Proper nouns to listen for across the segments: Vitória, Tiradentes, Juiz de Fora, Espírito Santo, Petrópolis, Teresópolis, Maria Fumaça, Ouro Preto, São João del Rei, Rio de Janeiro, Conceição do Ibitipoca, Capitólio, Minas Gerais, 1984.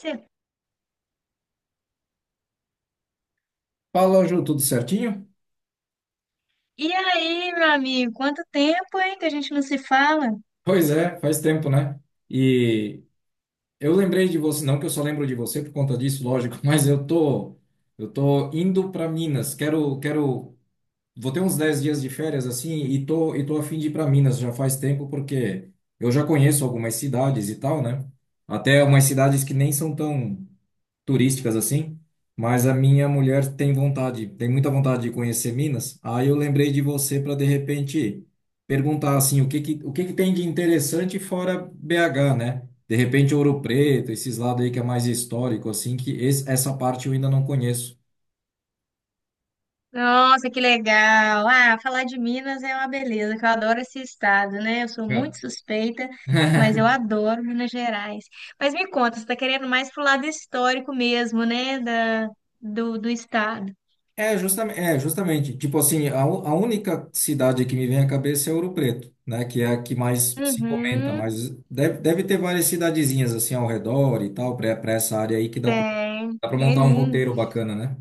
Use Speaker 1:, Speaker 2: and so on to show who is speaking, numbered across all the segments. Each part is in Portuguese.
Speaker 1: Cê-
Speaker 2: Fala, Ju, tudo certinho?
Speaker 1: E aí, meu amigo, quanto tempo, hein, que a gente não se fala?
Speaker 2: Pois é, faz tempo, né? E eu lembrei de você, não que eu só lembro de você por conta disso, lógico, mas eu tô indo para Minas. Quero quero vou ter uns 10 dias de férias assim e tô a fim de ir para Minas já faz tempo porque eu já conheço algumas cidades e tal, né? Até algumas cidades que nem são tão turísticas assim, mas a minha mulher tem vontade, tem muita vontade de conhecer Minas. Aí eu lembrei de você para de repente perguntar assim, o que que tem de interessante fora BH, né? De repente Ouro Preto, esses lados aí que é mais histórico assim, que essa parte eu ainda não conheço.
Speaker 1: Nossa, que legal! Ah, falar de Minas é uma beleza, que eu adoro esse estado, né? Eu sou muito
Speaker 2: É.
Speaker 1: suspeita, mas eu adoro Minas Gerais. Mas me conta, você tá querendo mais pro lado histórico mesmo, né, do, do estado?
Speaker 2: É, justamente, é, justamente. Tipo assim, a única cidade que me vem à cabeça é Ouro Preto, né? Que é a que mais se comenta,
Speaker 1: Uhum,
Speaker 2: mas deve ter várias cidadezinhas assim ao redor e tal, para essa área aí que dá pra, dá para
Speaker 1: tem
Speaker 2: montar um
Speaker 1: lindo.
Speaker 2: roteiro bacana, né?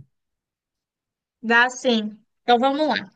Speaker 1: Dá sim. Então vamos lá.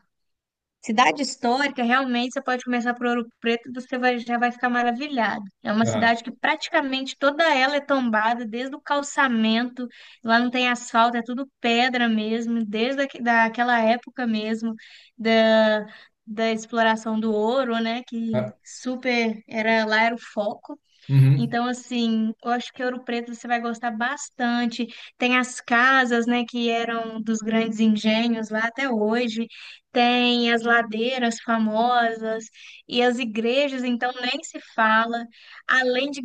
Speaker 1: Cidade histórica, realmente você pode começar por Ouro Preto e já vai ficar maravilhado. É uma
Speaker 2: Aham.
Speaker 1: cidade que praticamente toda ela é tombada, desde o calçamento, lá não tem asfalto, é tudo pedra mesmo, desde daquela época mesmo da, da exploração do ouro, né? Que
Speaker 2: Ah,
Speaker 1: super era lá era o foco.
Speaker 2: uhum.
Speaker 1: Então, assim, eu acho que Ouro Preto você vai gostar bastante. Tem as casas, né, que eram dos grandes engenhos lá até hoje. Tem as ladeiras famosas e as igrejas, então nem se fala. Além de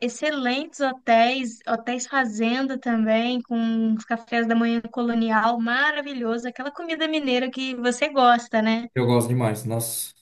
Speaker 1: excelentes hotéis, hotéis fazenda também, com os cafés da manhã colonial, maravilhoso, aquela comida mineira que você gosta, né?
Speaker 2: Eu gosto demais, nossa.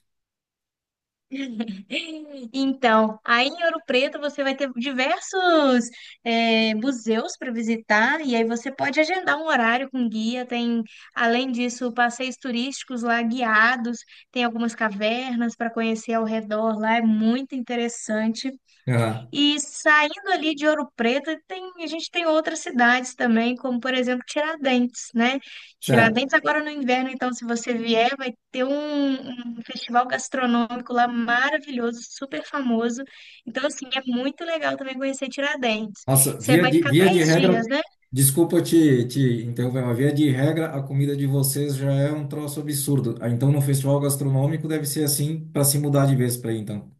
Speaker 1: Então, aí em Ouro Preto você vai ter diversos museus para visitar e aí você pode agendar um horário com guia. Tem, além disso, passeios turísticos lá guiados, tem algumas cavernas para conhecer ao redor lá, é muito interessante.
Speaker 2: Aham.
Speaker 1: E saindo ali de Ouro Preto, a gente tem outras cidades também, como por exemplo Tiradentes, né?
Speaker 2: Sério.
Speaker 1: Tiradentes agora no inverno, então se você vier, um festival gastronômico lá maravilhoso, super famoso. Então assim, é muito legal também conhecer Tiradentes.
Speaker 2: Nossa,
Speaker 1: Você
Speaker 2: via
Speaker 1: vai
Speaker 2: de,
Speaker 1: ficar
Speaker 2: via de
Speaker 1: 10 dias,
Speaker 2: regra,
Speaker 1: né?
Speaker 2: desculpa te interromper, mas via de regra, a comida de vocês já é um troço absurdo. Ah, então, no festival gastronômico deve ser assim para se mudar de vez para aí, então.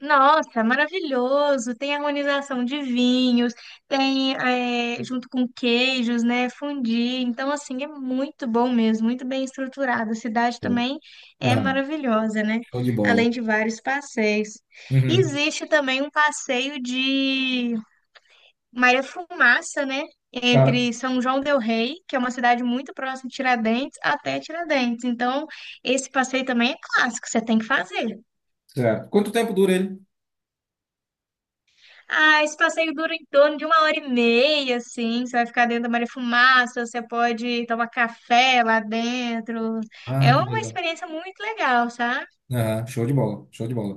Speaker 1: Nossa, maravilhoso! Tem harmonização de vinhos, tem junto com queijos, né? Fondue. Então, assim, é muito bom mesmo, muito bem estruturado. A cidade também é
Speaker 2: Aham.
Speaker 1: maravilhosa, né?
Speaker 2: Show de bola.
Speaker 1: Além de vários passeios.
Speaker 2: Uhum.
Speaker 1: Existe também um passeio de Maria Fumaça, né?
Speaker 2: Tá,
Speaker 1: Entre São João del Rei, que é uma cidade muito próxima de Tiradentes, até Tiradentes. Então, esse passeio também é clássico, você tem que fazer.
Speaker 2: certo. Quanto tempo dura ele?
Speaker 1: Ah, esse passeio dura em torno de uma hora e meia, assim. Você vai ficar dentro da Maria Fumaça, você pode tomar café lá dentro.
Speaker 2: Ah,
Speaker 1: É
Speaker 2: que
Speaker 1: uma
Speaker 2: legal.
Speaker 1: experiência muito legal, sabe?
Speaker 2: Aham. Show de bola, show de bola.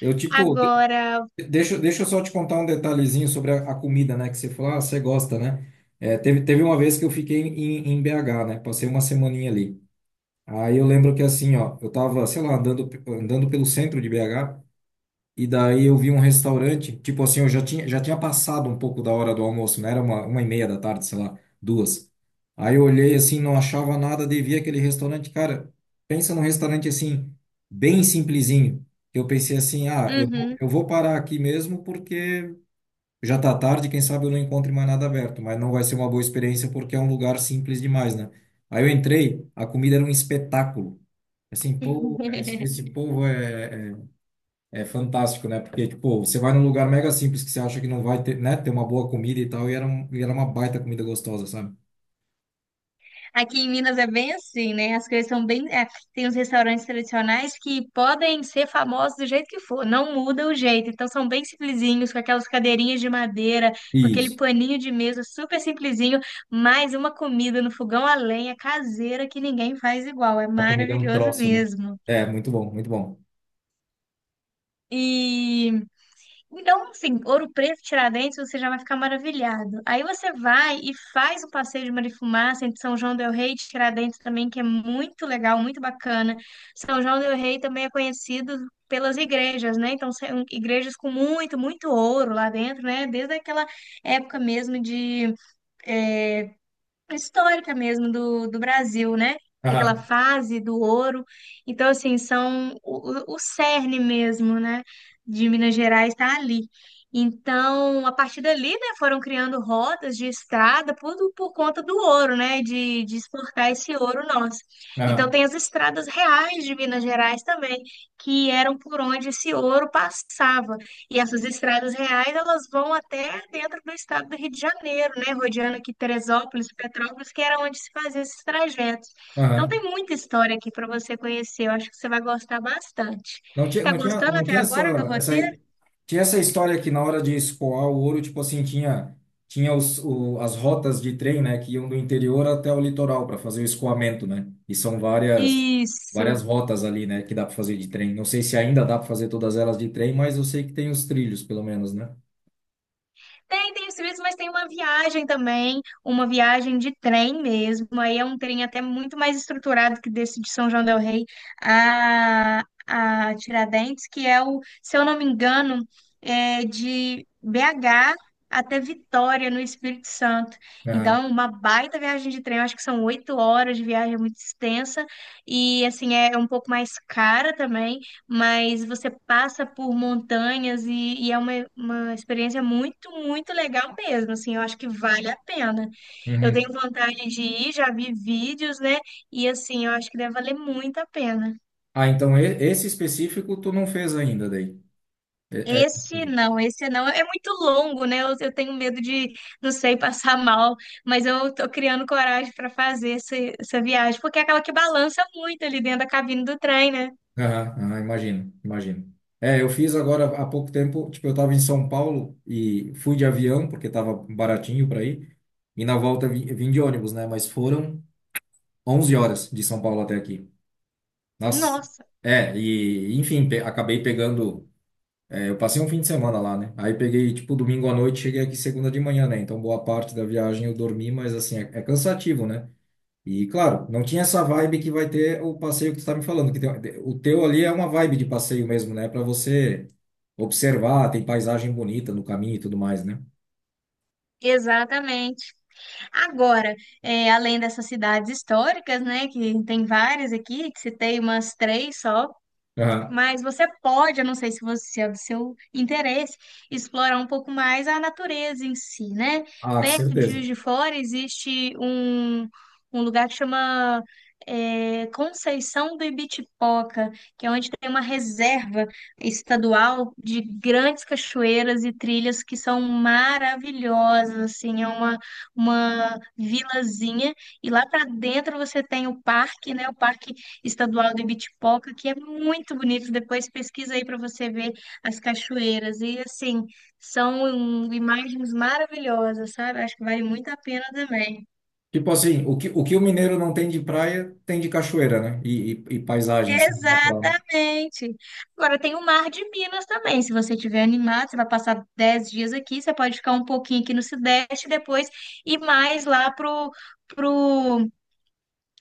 Speaker 2: Eu, tipo,
Speaker 1: Agora,
Speaker 2: deixa eu só te contar um detalhezinho sobre a comida, né? Que você falou, ah, você gosta, né? É, teve uma vez que eu fiquei em BH, né? Passei uma semaninha ali. Aí eu lembro que assim, ó, eu tava, sei lá, andando, andando pelo centro de BH. E daí eu vi um restaurante, tipo assim, eu já tinha passado um pouco da hora do almoço, né? Era uma e meia da tarde, sei lá, duas. Aí eu olhei assim, não achava nada, devia aquele restaurante, cara, pensa num restaurante assim, bem simplesinho. Eu pensei assim, ah, eu, vou-
Speaker 1: uhum.
Speaker 2: eu vou parar aqui mesmo porque já tá tarde, quem sabe eu não encontre mais nada aberto, mas não vai ser uma boa experiência porque é um lugar simples demais, né? Aí eu entrei, a comida era um espetáculo. Assim, pô, esse, esse povo é fantástico, né? Porque, tipo, você vai num lugar mega simples que você acha que não vai ter, né? Ter uma boa comida e tal, e era uma baita comida gostosa, sabe?
Speaker 1: Aqui em Minas é bem assim, né? As coisas são bem. É, tem uns restaurantes tradicionais que podem ser famosos do jeito que for, não muda o jeito. Então são bem simplesinhos, com aquelas cadeirinhas de madeira, com aquele
Speaker 2: Isso.
Speaker 1: paninho de mesa super simplesinho, mais uma comida no fogão a lenha caseira que ninguém faz igual. É
Speaker 2: A comida é um
Speaker 1: maravilhoso
Speaker 2: troço, né?
Speaker 1: mesmo.
Speaker 2: É, muito bom, muito bom.
Speaker 1: E então, assim, Ouro Preto, Tiradentes, você já vai ficar maravilhado. Aí você vai e faz o passeio de Marifumaça entre São João del Rei e Tiradentes também, que é muito legal, muito bacana. São João del Rei também é conhecido pelas igrejas, né? Então, são igrejas com muito, muito ouro lá dentro, né? Desde aquela época mesmo de histórica mesmo do Brasil, né? Daquela
Speaker 2: Aham,
Speaker 1: fase do ouro. Então, assim, são o cerne mesmo, né? De Minas Gerais está ali. Então, a partir dali, né, foram criando rotas de estrada por conta do ouro, né, de exportar esse ouro nosso. Então,
Speaker 2: aham,
Speaker 1: tem as estradas reais de Minas Gerais também, que eram por onde esse ouro passava. E essas estradas reais, elas vão até dentro do estado do Rio de Janeiro, né? Rodeando aqui Teresópolis, Petrópolis, que era onde se fazia esses trajetos. Então
Speaker 2: aham.
Speaker 1: tem muita história aqui para você conhecer. Eu acho que você vai gostar bastante.
Speaker 2: Não tinha,
Speaker 1: Tá
Speaker 2: não tinha,
Speaker 1: gostando
Speaker 2: não
Speaker 1: até
Speaker 2: tinha essa,
Speaker 1: agora do
Speaker 2: essa.
Speaker 1: roteiro?
Speaker 2: Tinha essa história que na hora de escoar o ouro, tipo assim, tinha as rotas de trem, né, que iam do interior até o litoral para fazer o escoamento, né? E são várias,
Speaker 1: Isso.
Speaker 2: várias rotas ali, né, que dá para fazer de trem. Não sei se ainda dá para fazer todas elas de trem, mas eu sei que tem os trilhos, pelo menos, né?
Speaker 1: Tem, tem os serviços, mas tem uma viagem também, uma viagem de trem mesmo. Aí é um trem até muito mais estruturado que desse de São João del Rei a Tiradentes, que é o, se eu não me engano, é de BH até Vitória, no Espírito Santo.
Speaker 2: Ah,
Speaker 1: Então, é uma baita viagem de trem. Eu acho que são oito horas de viagem, é muito extensa. E, assim, é um pouco mais cara também, mas você passa por montanhas e é uma experiência muito, muito legal mesmo, assim, eu acho que vale a pena. Eu
Speaker 2: uhum.
Speaker 1: tenho vontade de ir, já vi vídeos, né? E assim, eu acho que deve valer muito a pena.
Speaker 2: Ah, então esse específico tu não fez ainda daí. É.
Speaker 1: Esse não, esse não. É muito longo, né? Eu tenho medo de, não sei, passar mal, mas eu tô criando coragem para fazer essa, essa viagem, porque é aquela que balança muito ali dentro da cabine do trem, né?
Speaker 2: Aham, aham, imagino, imagino. É, eu fiz agora há pouco tempo, tipo, eu tava em São Paulo e fui de avião, porque tava baratinho para ir, e na volta vim de ônibus, né? Mas foram 11 horas de São Paulo até aqui. Nossa.
Speaker 1: Nossa,
Speaker 2: É, e enfim, pe acabei pegando. É, eu passei um fim de semana lá, né? Aí peguei, tipo, domingo à noite, cheguei aqui segunda de manhã, né? Então boa parte da viagem eu dormi, mas assim, é cansativo, né? E, claro, não tinha essa vibe que vai ter o passeio que tu tá me falando, que o teu ali é uma vibe de passeio mesmo, né? Para você observar, tem paisagem bonita no caminho e tudo mais, né?
Speaker 1: exatamente. Agora, é, além dessas cidades históricas, né, que tem várias aqui, que citei umas três só,
Speaker 2: Aham.
Speaker 1: mas você pode, eu não sei se você se é do seu interesse, explorar um pouco mais a natureza em si, né?
Speaker 2: Ah,
Speaker 1: Perto de
Speaker 2: certeza.
Speaker 1: Juiz de Fora um lugar que chama Conceição do Ibitipoca, que é onde tem uma reserva estadual de grandes cachoeiras e trilhas que são maravilhosas, assim, é uma vilazinha, e lá para dentro você tem o parque, né? O parque estadual de Bitipoca, que é muito bonito. Depois pesquisa aí para você ver as cachoeiras. E assim, são imagens maravilhosas, sabe? Acho que vale muito a pena também.
Speaker 2: Tipo assim, o que o mineiro não tem de praia, tem de cachoeira, né? E paisagem, assim, natural, né?
Speaker 1: Exatamente. Agora tem o Mar de Minas também. Se você estiver animado, você vai passar 10 dias aqui, você pode ficar um pouquinho aqui no Sudeste, depois ir mais pro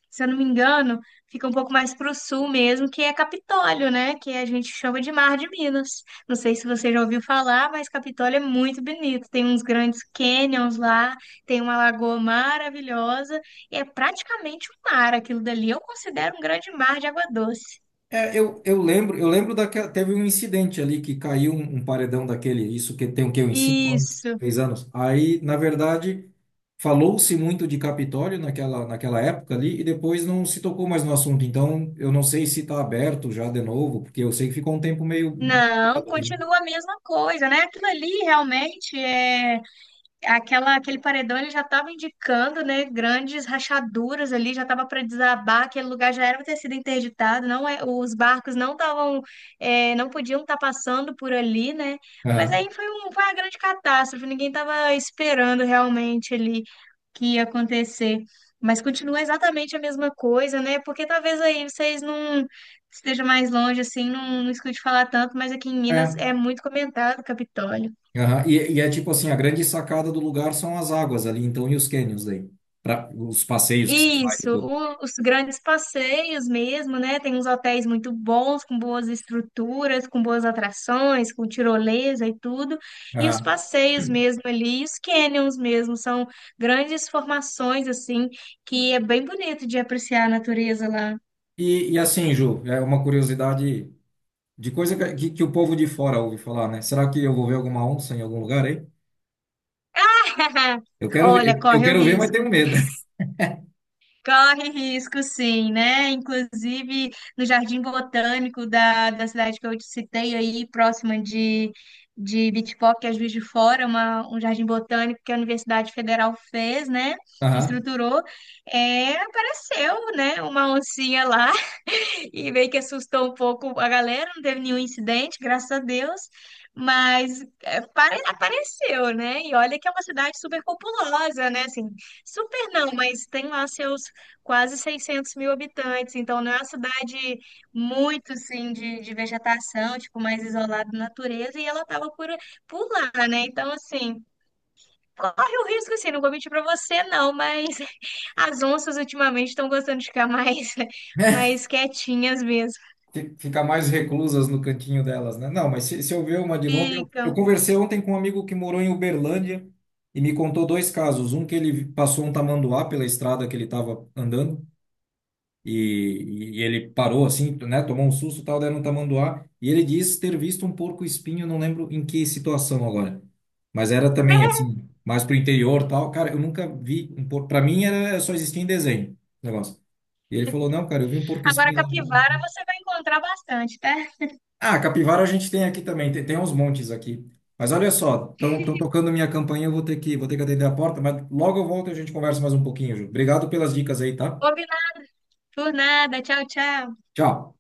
Speaker 1: se eu não me engano, fica um pouco mais para o sul mesmo, que é Capitólio, né? Que a gente chama de Mar de Minas. Não sei se você já ouviu falar, mas Capitólio é muito bonito. Tem uns grandes canyons lá, tem uma lagoa maravilhosa, e é praticamente um mar aquilo dali. Eu considero um grande mar de água doce.
Speaker 2: É, eu lembro daquela, teve um incidente ali que caiu um paredão daquele, isso que tem o quê? Uns 5 anos,
Speaker 1: Isso.
Speaker 2: 6 anos. Aí, na verdade, falou-se muito de Capitólio naquela época ali e depois não se tocou mais no assunto. Então, eu não sei se está aberto já de novo, porque eu sei que ficou um tempo meio
Speaker 1: Não,
Speaker 2: bloqueado ali, né?
Speaker 1: continua a mesma coisa, né? Aquilo ali realmente é aquela, aquele paredão ele já estava indicando, né, grandes rachaduras ali, já estava para desabar, aquele lugar já era para ter sido interditado, não é, os barcos não estavam, é, não podiam estar passando por ali, né?
Speaker 2: Aham.
Speaker 1: Foi uma grande catástrofe, ninguém estava esperando realmente ali que ia acontecer. Mas continua exatamente a mesma coisa, né? Porque talvez aí vocês não estejam mais longe, assim, não, não escute falar tanto, mas aqui em Minas é
Speaker 2: É.
Speaker 1: muito comentado, o Capitólio.
Speaker 2: Aham. E é tipo assim, a grande sacada do lugar são as águas ali, então, e os cânions aí para os passeios que se faz e
Speaker 1: Isso,
Speaker 2: tudo.
Speaker 1: os grandes passeios mesmo, né? Tem uns hotéis muito bons, com boas estruturas, com boas atrações, com tirolesa e tudo. E os
Speaker 2: Aham.
Speaker 1: passeios mesmo ali, e os canyons mesmo, são grandes formações, assim, que é bem bonito de apreciar a natureza lá.
Speaker 2: E assim, Ju, é uma curiosidade de coisa que que o povo de fora ouve falar, né? Será que eu vou ver alguma onça em algum lugar aí? Eu quero, ver-
Speaker 1: Olha,
Speaker 2: eu, eu
Speaker 1: corre o
Speaker 2: quero ver, mas
Speaker 1: risco.
Speaker 2: tenho medo.
Speaker 1: Corre risco, sim, né? Inclusive no Jardim Botânico da cidade que eu te citei aí, próxima de Bitpop, que é Juiz de Fora, um jardim botânico que a Universidade Federal fez, né?
Speaker 2: Aham.
Speaker 1: Estruturou, é, apareceu, né? Uma oncinha lá e meio que assustou um pouco a galera, não teve nenhum incidente, graças a Deus, mas é, apareceu, né? E olha que é uma cidade super populosa, né? Assim, super não, mas tem lá seus quase 600 mil habitantes, então não é uma cidade muito, assim, de vegetação, tipo, mais isolada da natureza, e ela estava por lá, né? Então, assim, corre o risco, assim, não vou mentir para você, não, mas as onças ultimamente estão gostando de ficar mais,
Speaker 2: Né?
Speaker 1: mais quietinhas mesmo.
Speaker 2: Ficar mais reclusas no cantinho delas, né? Não, mas se eu ver uma de longe, eu
Speaker 1: Ficam.
Speaker 2: conversei ontem com um amigo que morou em Uberlândia e me contou dois casos. Um que ele passou um tamanduá pela estrada que ele estava andando. E ele parou assim, né? Tomou um susto, e tal, deram um tamanduá. E ele diz ter visto um porco-espinho, não lembro em que situação agora. Mas era também assim, mais pro interior, tal. Cara, eu nunca vi um porco. Para mim era só existia em desenho, esse negócio. E ele falou: "Não, cara, eu vi um
Speaker 1: Agora,
Speaker 2: porco-espinho lá".
Speaker 1: capivara você vai encontrar bastante, tá?
Speaker 2: Ah, capivara a gente tem aqui também, tem uns montes aqui. Mas olha só, estão tocando minha campainha, eu vou ter que atender a porta, mas logo eu volto e a gente conversa mais um pouquinho, Ju. Obrigado pelas dicas aí, tá?
Speaker 1: Combinado por nada. Tchau, tchau.
Speaker 2: Tchau.